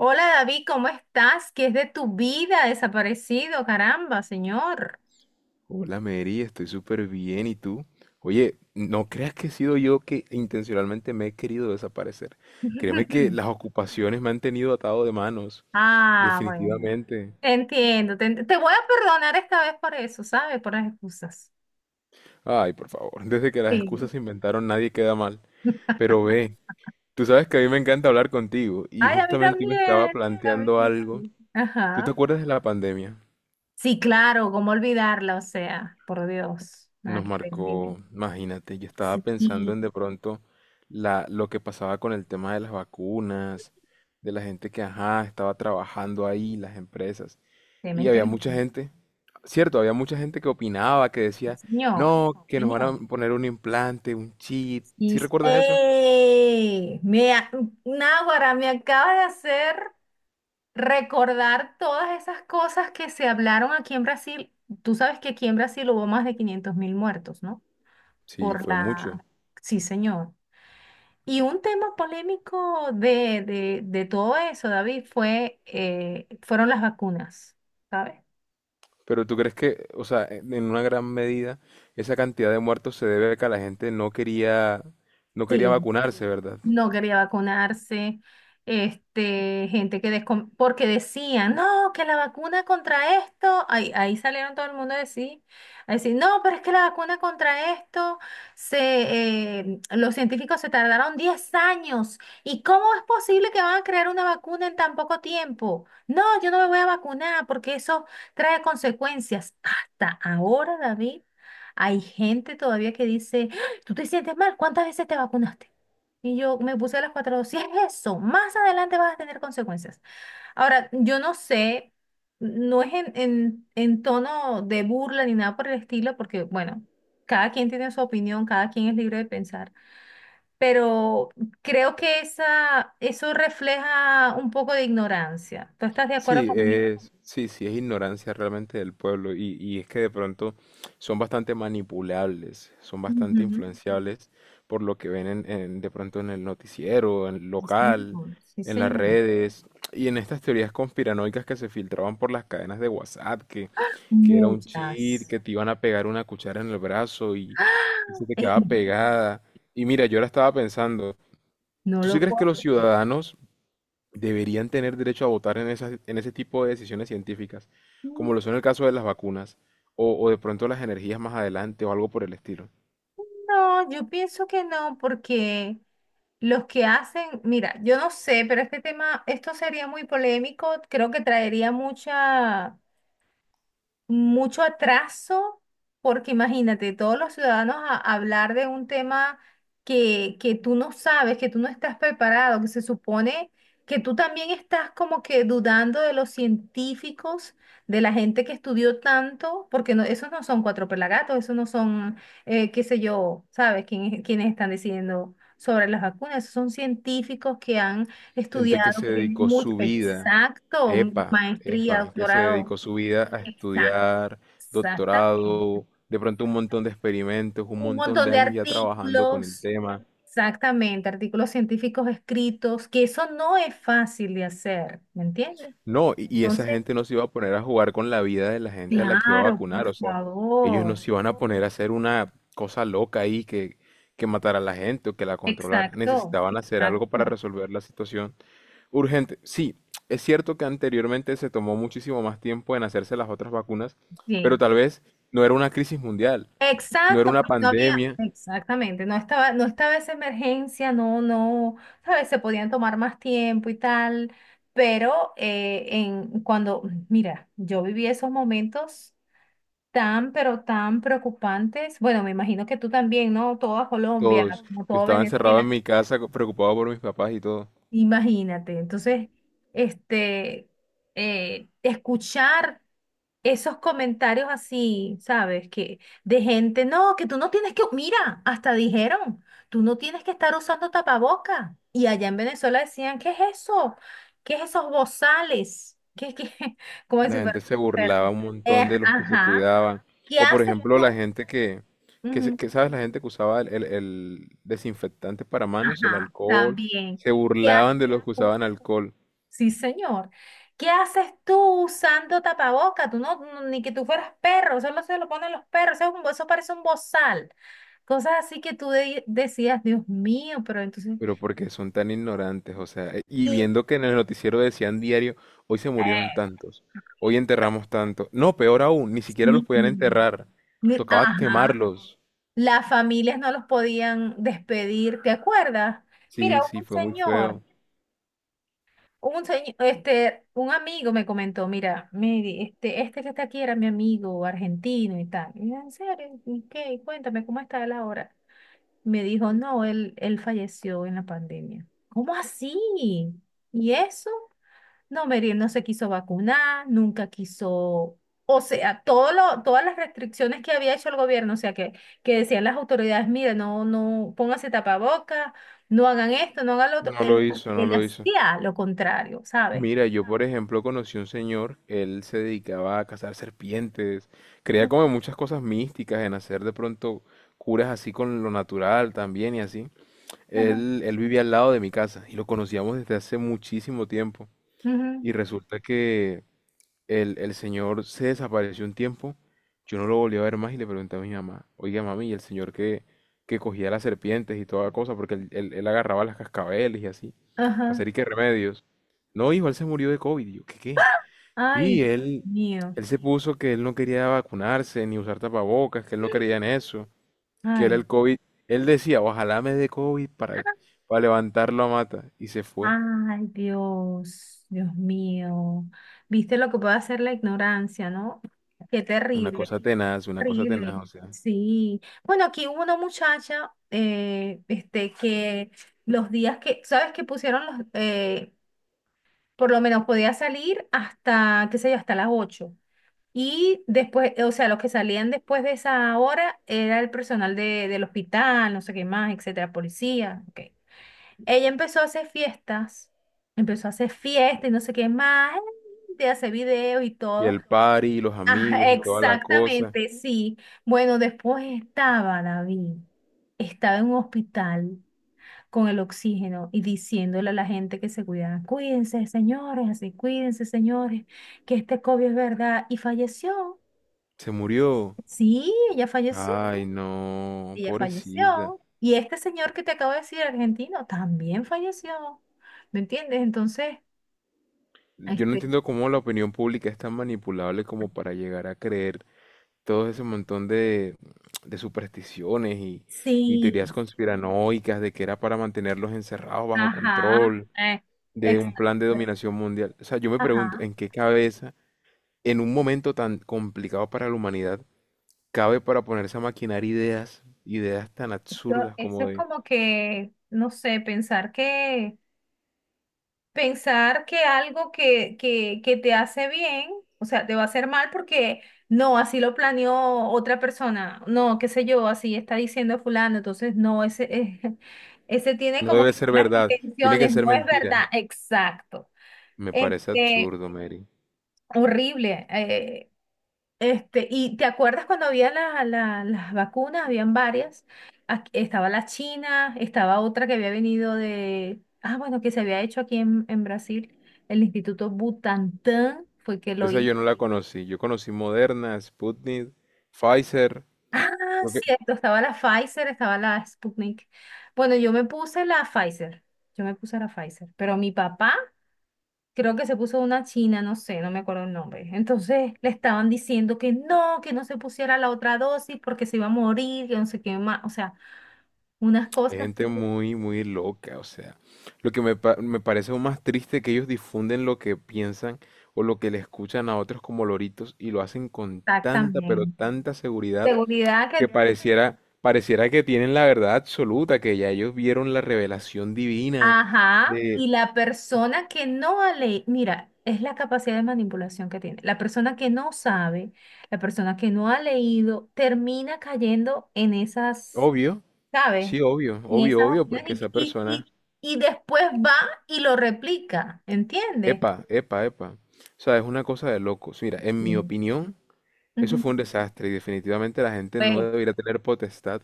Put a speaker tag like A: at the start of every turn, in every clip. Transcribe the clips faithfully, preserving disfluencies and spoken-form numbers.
A: Hola David, ¿cómo estás? ¿Qué es de tu vida desaparecido? Caramba, señor.
B: Hola Mary, estoy súper bien. ¿Y tú? Oye, no creas que he sido yo que intencionalmente me he querido desaparecer. Créeme que las ocupaciones me han tenido atado de manos,
A: Ah, bueno.
B: definitivamente.
A: Entiendo. Te, ent- te voy a perdonar esta vez por eso, ¿sabes? Por las excusas.
B: Ay, por favor, desde que las excusas
A: Sí.
B: se inventaron nadie queda mal. Pero ve, tú sabes que a mí me encanta hablar contigo y
A: Ay, a mí
B: justamente hoy me estaba
A: también,
B: planteando
A: David.
B: algo. ¿Tú te
A: Ajá.
B: acuerdas de la pandemia?
A: Sí, claro, ¿cómo olvidarla? O sea, por Dios. Nada
B: Nos
A: que ver, dime.
B: marcó, imagínate, yo estaba pensando
A: Sí,
B: en de pronto la, lo que pasaba con el tema de las vacunas, de la gente que, ajá, estaba trabajando ahí, las empresas.
A: tema
B: Y había
A: inteligente.
B: mucha gente, cierto, había mucha gente que opinaba, que decía,
A: Señor,
B: no, que nos van
A: señor.
B: a poner un implante, un chip. ¿Sí
A: Y,
B: recuerdas eso?
A: ¡Ey! Me, a- Náguara, me acaba de hacer recordar todas esas cosas que se hablaron aquí en Brasil. Tú sabes que aquí en Brasil hubo más de quinientos mil muertos, ¿no?
B: Sí,
A: Por
B: fue mucho.
A: la... Sí, señor. Y un tema polémico de, de, de todo eso, David, fue, eh, fueron las vacunas, ¿sabes?
B: Pero ¿tú crees que, o sea, en en una gran medida, esa cantidad de muertos se debe a que la gente no quería, no quería
A: Sí,
B: vacunarse, ¿verdad?
A: no quería vacunarse, este, gente que descon- porque decían, no, que la vacuna contra esto, ahí, ahí salieron todo el mundo a decir, a decir, no, pero es que la vacuna contra esto, se, eh, los científicos se tardaron diez años, ¿y cómo es posible que van a crear una vacuna en tan poco tiempo? No, yo no me voy a vacunar porque eso trae consecuencias. Hasta ahora, David, hay gente todavía que dice, ¿tú te sientes mal? ¿Cuántas veces te vacunaste? Y yo me puse las cuatro dos. Si es eso, más adelante vas a tener consecuencias. Ahora, yo no sé, no es en, en, en tono de burla ni nada por el estilo, porque, bueno, cada quien tiene su opinión, cada quien es libre de pensar, pero creo que esa, eso refleja un poco de ignorancia. ¿Tú estás de acuerdo
B: Sí,
A: conmigo?
B: es, sí, sí, es ignorancia realmente del pueblo y, y es que de pronto son bastante manipulables, son bastante
A: Ujú.
B: influenciables por lo que ven en, en- de pronto en el noticiero, en el
A: Sí,
B: local,
A: señor. Sí,
B: en las
A: señor.
B: redes y en estas teorías conspiranoicas que se filtraban por las cadenas de WhatsApp, que, que era un cheat,
A: Muchas.
B: que te iban a pegar una cuchara en el brazo y,
A: ¡Ah!
B: y se te
A: Eh,
B: quedaba pegada. Y mira, yo ahora estaba pensando,
A: No
B: ¿tú sí
A: lo
B: crees que
A: puedo
B: los
A: creer.
B: ciudadanos deberían tener derecho a votar en esas- en ese tipo de decisiones científicas,
A: Mm,
B: como lo son el caso de las vacunas, o, o de pronto las energías más adelante, o algo por el estilo?
A: No, yo pienso que no, porque Los que hacen, mira, yo no sé, pero este tema, esto sería muy polémico, creo que traería mucha mucho atraso, porque imagínate, todos los ciudadanos a hablar de un tema que, que tú no sabes, que tú no estás preparado, que se supone que tú también estás como que dudando de los científicos, de la gente que estudió tanto, porque no, esos no son cuatro pelagatos, esos no son, eh, qué sé yo, ¿sabes? Quién quienes están decidiendo sobre las vacunas, esos son científicos que han
B: Gente que
A: estudiado,
B: se
A: que tienen
B: dedicó
A: mucho,
B: su vida,
A: exacto,
B: epa,
A: maestría,
B: epa, que se
A: doctorado.
B: dedicó su vida a
A: Exacto.
B: estudiar,
A: Exactamente.
B: doctorado, de pronto un montón de experimentos, un
A: Un
B: montón
A: montón
B: de
A: de
B: años ya trabajando con el
A: artículos,
B: tema.
A: exactamente, artículos científicos escritos, que eso no es fácil de hacer, ¿me entiendes?
B: No, y y esa
A: Entonces,
B: gente no se iba a poner a jugar con la vida de la gente a la que iba a
A: claro,
B: vacunar,
A: por
B: o sea, ellos no
A: favor.
B: se iban a poner a hacer una cosa loca ahí que, que matara a la gente o que la controlara.
A: Exacto,
B: Necesitaban hacer algo para
A: exacto.
B: resolver la situación urgente. Sí, es cierto que anteriormente se tomó muchísimo más tiempo en hacerse las otras vacunas, pero
A: Sí,
B: tal vez no era una crisis mundial, no era
A: exacto,
B: una
A: porque no había,
B: pandemia,
A: exactamente, no estaba, no estaba esa emergencia, no, no, sabes, se podían tomar más tiempo y tal, pero eh, en cuando, mira, yo viví esos momentos tan, pero tan preocupantes. Bueno, me imagino que tú también, ¿no? Toda Colombia,
B: todos.
A: como
B: Yo
A: todo
B: estaba encerrado en
A: Venezuela.
B: mi casa co- preocupado por mis papás y todo.
A: Imagínate. Entonces, este, eh, escuchar esos comentarios así, ¿sabes? Que de gente, no, que tú no tienes que, mira, hasta dijeron, tú no tienes que estar usando tapaboca. Y allá en Venezuela decían, ¿qué es eso? ¿Qué es esos bozales? ¿Qué, qué? Como
B: La
A: si
B: gente
A: fueran
B: se
A: unos perros.
B: burlaba un
A: Eh,
B: montón de los que se
A: ajá.
B: cuidaban.
A: ¿Qué
B: O por
A: haces
B: ejemplo, la
A: tú?
B: gente que, que, se-
A: Ujú.
B: que, ¿sabes? La gente que usaba el, el- el desinfectante para manos, el
A: Ajá,
B: alcohol.
A: también.
B: Se
A: ¿Qué haces?
B: burlaban de los que usaban alcohol.
A: Sí, señor. ¿Qué haces tú usando tapaboca? Tú no, no- ni que tú fueras perro, solo se lo ponen los perros, eso, es un- eso parece un bozal. Cosas así que tú de- decías, Dios mío, pero entonces...
B: Pero porque son tan ignorantes, o sea, eh, y
A: Y,
B: viendo que en el noticiero decían diario, hoy se murieron
A: eh,
B: tantos, hoy enterramos tantos. No, peor aún, ni siquiera los
A: sí,
B: podían enterrar.
A: mi-
B: Tocaba
A: ajá,
B: quemarlos.
A: las familias no los podían despedir, ¿te acuerdas? Mira,
B: Sí,
A: hubo
B: sí,
A: un
B: fue muy
A: señor.
B: feo.
A: Un, señ- este, un amigo me comentó, mira, Mary, este, este que está aquí era mi amigo argentino y tal. Y yo, en serio, y, ¿qué? Cuéntame, ¿cómo está él ahora? Me dijo, no, él, él falleció en la pandemia. ¿Cómo así? ¿Y eso? No, Meriel no se quiso vacunar, nunca quiso, o sea, todo lo, todas las restricciones que había hecho el gobierno, o sea, que, que decían las autoridades, mire, no, no, pónganse tapabocas, no hagan esto, no hagan lo otro,
B: No
A: él,
B: lo hizo, no
A: él
B: lo hizo.
A: hacía lo contrario, ¿sabes?
B: Mira, yo por ejemplo conocí un señor, él se dedicaba a cazar serpientes, creía como en muchas cosas místicas, en hacer de pronto curas así con lo natural también y así.
A: Ajá,
B: Él, él vivía al lado de mi casa y lo conocíamos desde hace muchísimo tiempo.
A: ujú,
B: Y resulta que el, el señor se desapareció un tiempo, yo no lo volví a ver más y le pregunté a mi mamá, oiga mami, y el señor que, que cogía las serpientes y toda cosa, porque él, él- él agarraba las cascabeles y así, para
A: ajá.
B: hacer y qué remedios. No, hijo, él se murió de COVID. Y yo, ¿qué qué?
A: Ay,
B: Y
A: Dios
B: él,
A: mío.
B: él se puso que él no quería vacunarse ni usar tapabocas, que él no creía en eso, que era
A: Ay,
B: el COVID. Él decía, ojalá me dé COVID para, para levantarlo a mata. Y se fue.
A: ay, Dios, Dios mío. Viste lo que puede hacer la ignorancia, ¿no? Qué
B: Una
A: terrible.
B: cosa tenaz, una cosa
A: Horrible,
B: tenaz, o sea.
A: sí. Bueno, aquí hubo una muchacha, eh, este, que los días que, ¿sabes que pusieron los, eh, por lo menos podía salir hasta, qué sé yo, hasta las ocho? Y después, eh, o sea, los que salían después de esa hora era el personal de, del hospital, no sé qué más, etcétera, policía, ok. Ella empezó a hacer fiestas, empezó a hacer fiestas y no sé qué más, de hacer videos y
B: Y
A: todo.
B: el party, y los
A: Ajá,
B: amigos y toda la cosa.
A: exactamente, sí. Bueno, después estaba David, estaba en un hospital con el oxígeno y diciéndole a la gente que se cuidara, cuídense, señores, así, cuídense, señores, que este COVID es verdad. Y falleció.
B: Se murió.
A: Sí, ella falleció,
B: Ay, no,
A: ella
B: pobrecita.
A: falleció. Y este señor que te acabo de decir, argentino, también falleció. ¿Me entiendes? Entonces,
B: Yo no
A: este,
B: entiendo cómo la opinión pública es tan manipulable como para llegar a creer todo ese montón de, de supersticiones y, y teorías
A: sí,
B: conspiranoicas de que era para mantenerlos encerrados bajo
A: ajá,
B: control,
A: eh,
B: de un
A: exacto,
B: plan de dominación mundial. O sea, yo me pregunto,
A: ajá.
B: ¿en qué cabeza, en un momento tan complicado para la humanidad, cabe para ponerse a maquinar ideas, ideas tan
A: Eso,
B: absurdas
A: eso
B: como
A: es
B: de...
A: como que, no sé, pensar que, pensar que algo que, que, que te hace bien, o sea, te va a hacer mal porque no, así lo planeó otra persona, no, qué sé yo, así está diciendo fulano, entonces no, ese, ese tiene
B: No
A: como
B: debe
A: que
B: ser
A: unas
B: verdad, tiene que
A: intenciones,
B: ser
A: no es verdad,
B: mentira.
A: exacto.
B: Me parece
A: Este,
B: absurdo, Mary.
A: horrible. eh, Este, y te acuerdas cuando había la- la- las vacunas, habían varias. Aquí- estaba la China, estaba otra que había venido de, ah, bueno, que se había hecho aquí en, en Brasil, el Instituto Butantan fue que lo
B: Esa
A: hizo.
B: yo no la conocí. Yo conocí Moderna, Sputnik, Pfizer.
A: Ah,
B: Lo que...
A: cierto, estaba la Pfizer, estaba la Sputnik. Bueno, yo me puse la Pfizer, yo me puse la Pfizer, pero mi papá creo que se puso una china, no sé, no me acuerdo el nombre. Entonces le estaban diciendo que no, que no se pusiera la otra dosis porque se iba a morir, que no sé qué más. O sea, unas
B: Hay
A: cosas que
B: gente muy, muy loca, o sea. Lo que me, pa- me parece aún más triste que ellos difunden lo que piensan o lo que le escuchan a otros como loritos y lo hacen con tanta, pero
A: exactamente.
B: tanta seguridad
A: Seguridad
B: que
A: que,
B: pareciera, pareciera que tienen la verdad absoluta, que ya ellos vieron la revelación divina
A: ajá, y
B: de...
A: la persona que no ha le- mira, es la capacidad de manipulación que tiene. La persona que no sabe, la persona que no ha leído, termina cayendo en esas.
B: Obvio.
A: ¿sabes?
B: Sí, obvio,
A: Y
B: obvio,
A: esas
B: obvio, porque
A: opciones
B: esa
A: y, y,
B: persona,
A: y- y después va y lo replica, ¿entiendes?
B: epa, epa, epa. O sea, es una cosa de locos. Mira, en mi
A: Sí.
B: opinión, eso
A: Ujú.
B: fue un desastre y definitivamente la gente no
A: Pues
B: debería tener potestad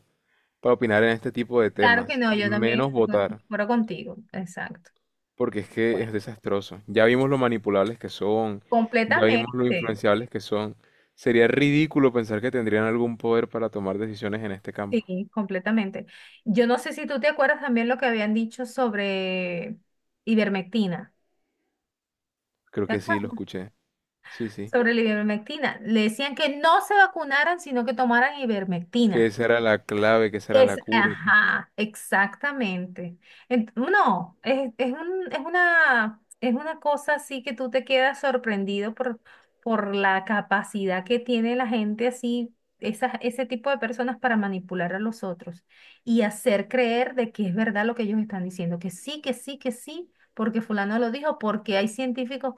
B: para opinar en este tipo de
A: claro que
B: temas
A: no,
B: y
A: yo también
B: menos
A: estoy con- de
B: votar,
A: acuerdo contigo, exacto.
B: porque es que
A: Bueno,
B: es desastroso. Ya vimos lo manipulables que son, ya vimos lo
A: completamente,
B: influenciables que son. Sería ridículo pensar que tendrían algún poder para tomar decisiones en este campo.
A: sí, completamente. Yo no sé si tú te acuerdas también lo que habían dicho sobre ivermectina,
B: Creo
A: ¿te
B: que sí, lo
A: acuerdas?
B: escuché. Sí, sí.
A: Sobre la ivermectina. Le decían que no se vacunaran, sino que tomaran
B: Que
A: ivermectina.
B: esa era la clave, que esa era la
A: Es,
B: cura. Que...
A: ajá, exactamente. Ent- no, es, es un- es una, es una cosa así que tú te quedas sorprendido por, por la capacidad que tiene la gente así, esas, ese tipo de personas para manipular a los otros y hacer creer de que es verdad lo que ellos están diciendo, que sí, que sí, que sí, porque fulano lo dijo, porque hay científicos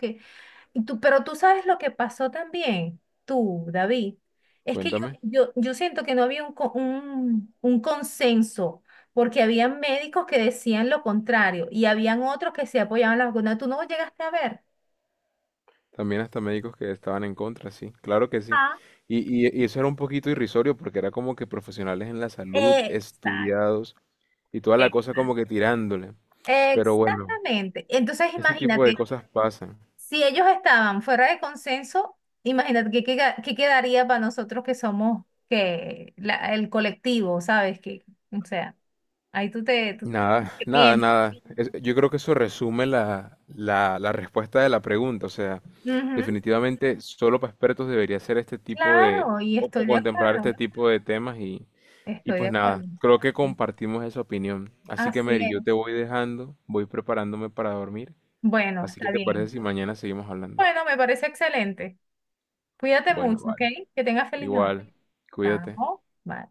A: y tú, pero tú sabes lo que pasó también, tú, David. Es que yo,
B: Cuéntame.
A: yo, yo siento que no había un, co- un, un consenso, porque había médicos que decían lo contrario y habían otros que se apoyaban en la vacuna. Tú no llegaste a ver.
B: También hasta médicos que estaban en contra, sí, claro que sí.
A: Ah,
B: Y, y- y eso era un poquito irrisorio porque era como que profesionales en la salud,
A: exacto.
B: estudiados y toda la cosa como que tirándole. Pero bueno,
A: Exactamente. Entonces,
B: ese tipo de
A: imagínate,
B: cosas pasan.
A: Si ellos estaban fuera de consenso, imagínate qué, queda- qué quedaría para nosotros que somos que la- el colectivo, ¿sabes? Que, o sea, ahí tú te tú-
B: Nada,
A: ¿qué
B: nada,
A: piensas?
B: nada. Es- yo creo que eso resume la, la, la respuesta de la pregunta. O sea,
A: Ujú.
B: definitivamente solo para expertos debería ser este tipo de,
A: Claro, y
B: o, o
A: estoy de
B: contemplar
A: acuerdo,
B: este tipo de temas y, y
A: estoy de
B: pues nada,
A: acuerdo.
B: creo que
A: Sí,
B: compartimos esa opinión. Así que
A: así
B: Mary, yo te
A: es.
B: voy dejando, voy preparándome para dormir.
A: Bueno,
B: Así que
A: está
B: te
A: bien.
B: parece si mañana seguimos hablando.
A: Bueno, me parece excelente. Cuídate
B: Bueno,
A: mucho, ¿ok?
B: vale.
A: Que tengas feliz noche.
B: Igual, cuídate.
A: Chao. Bye.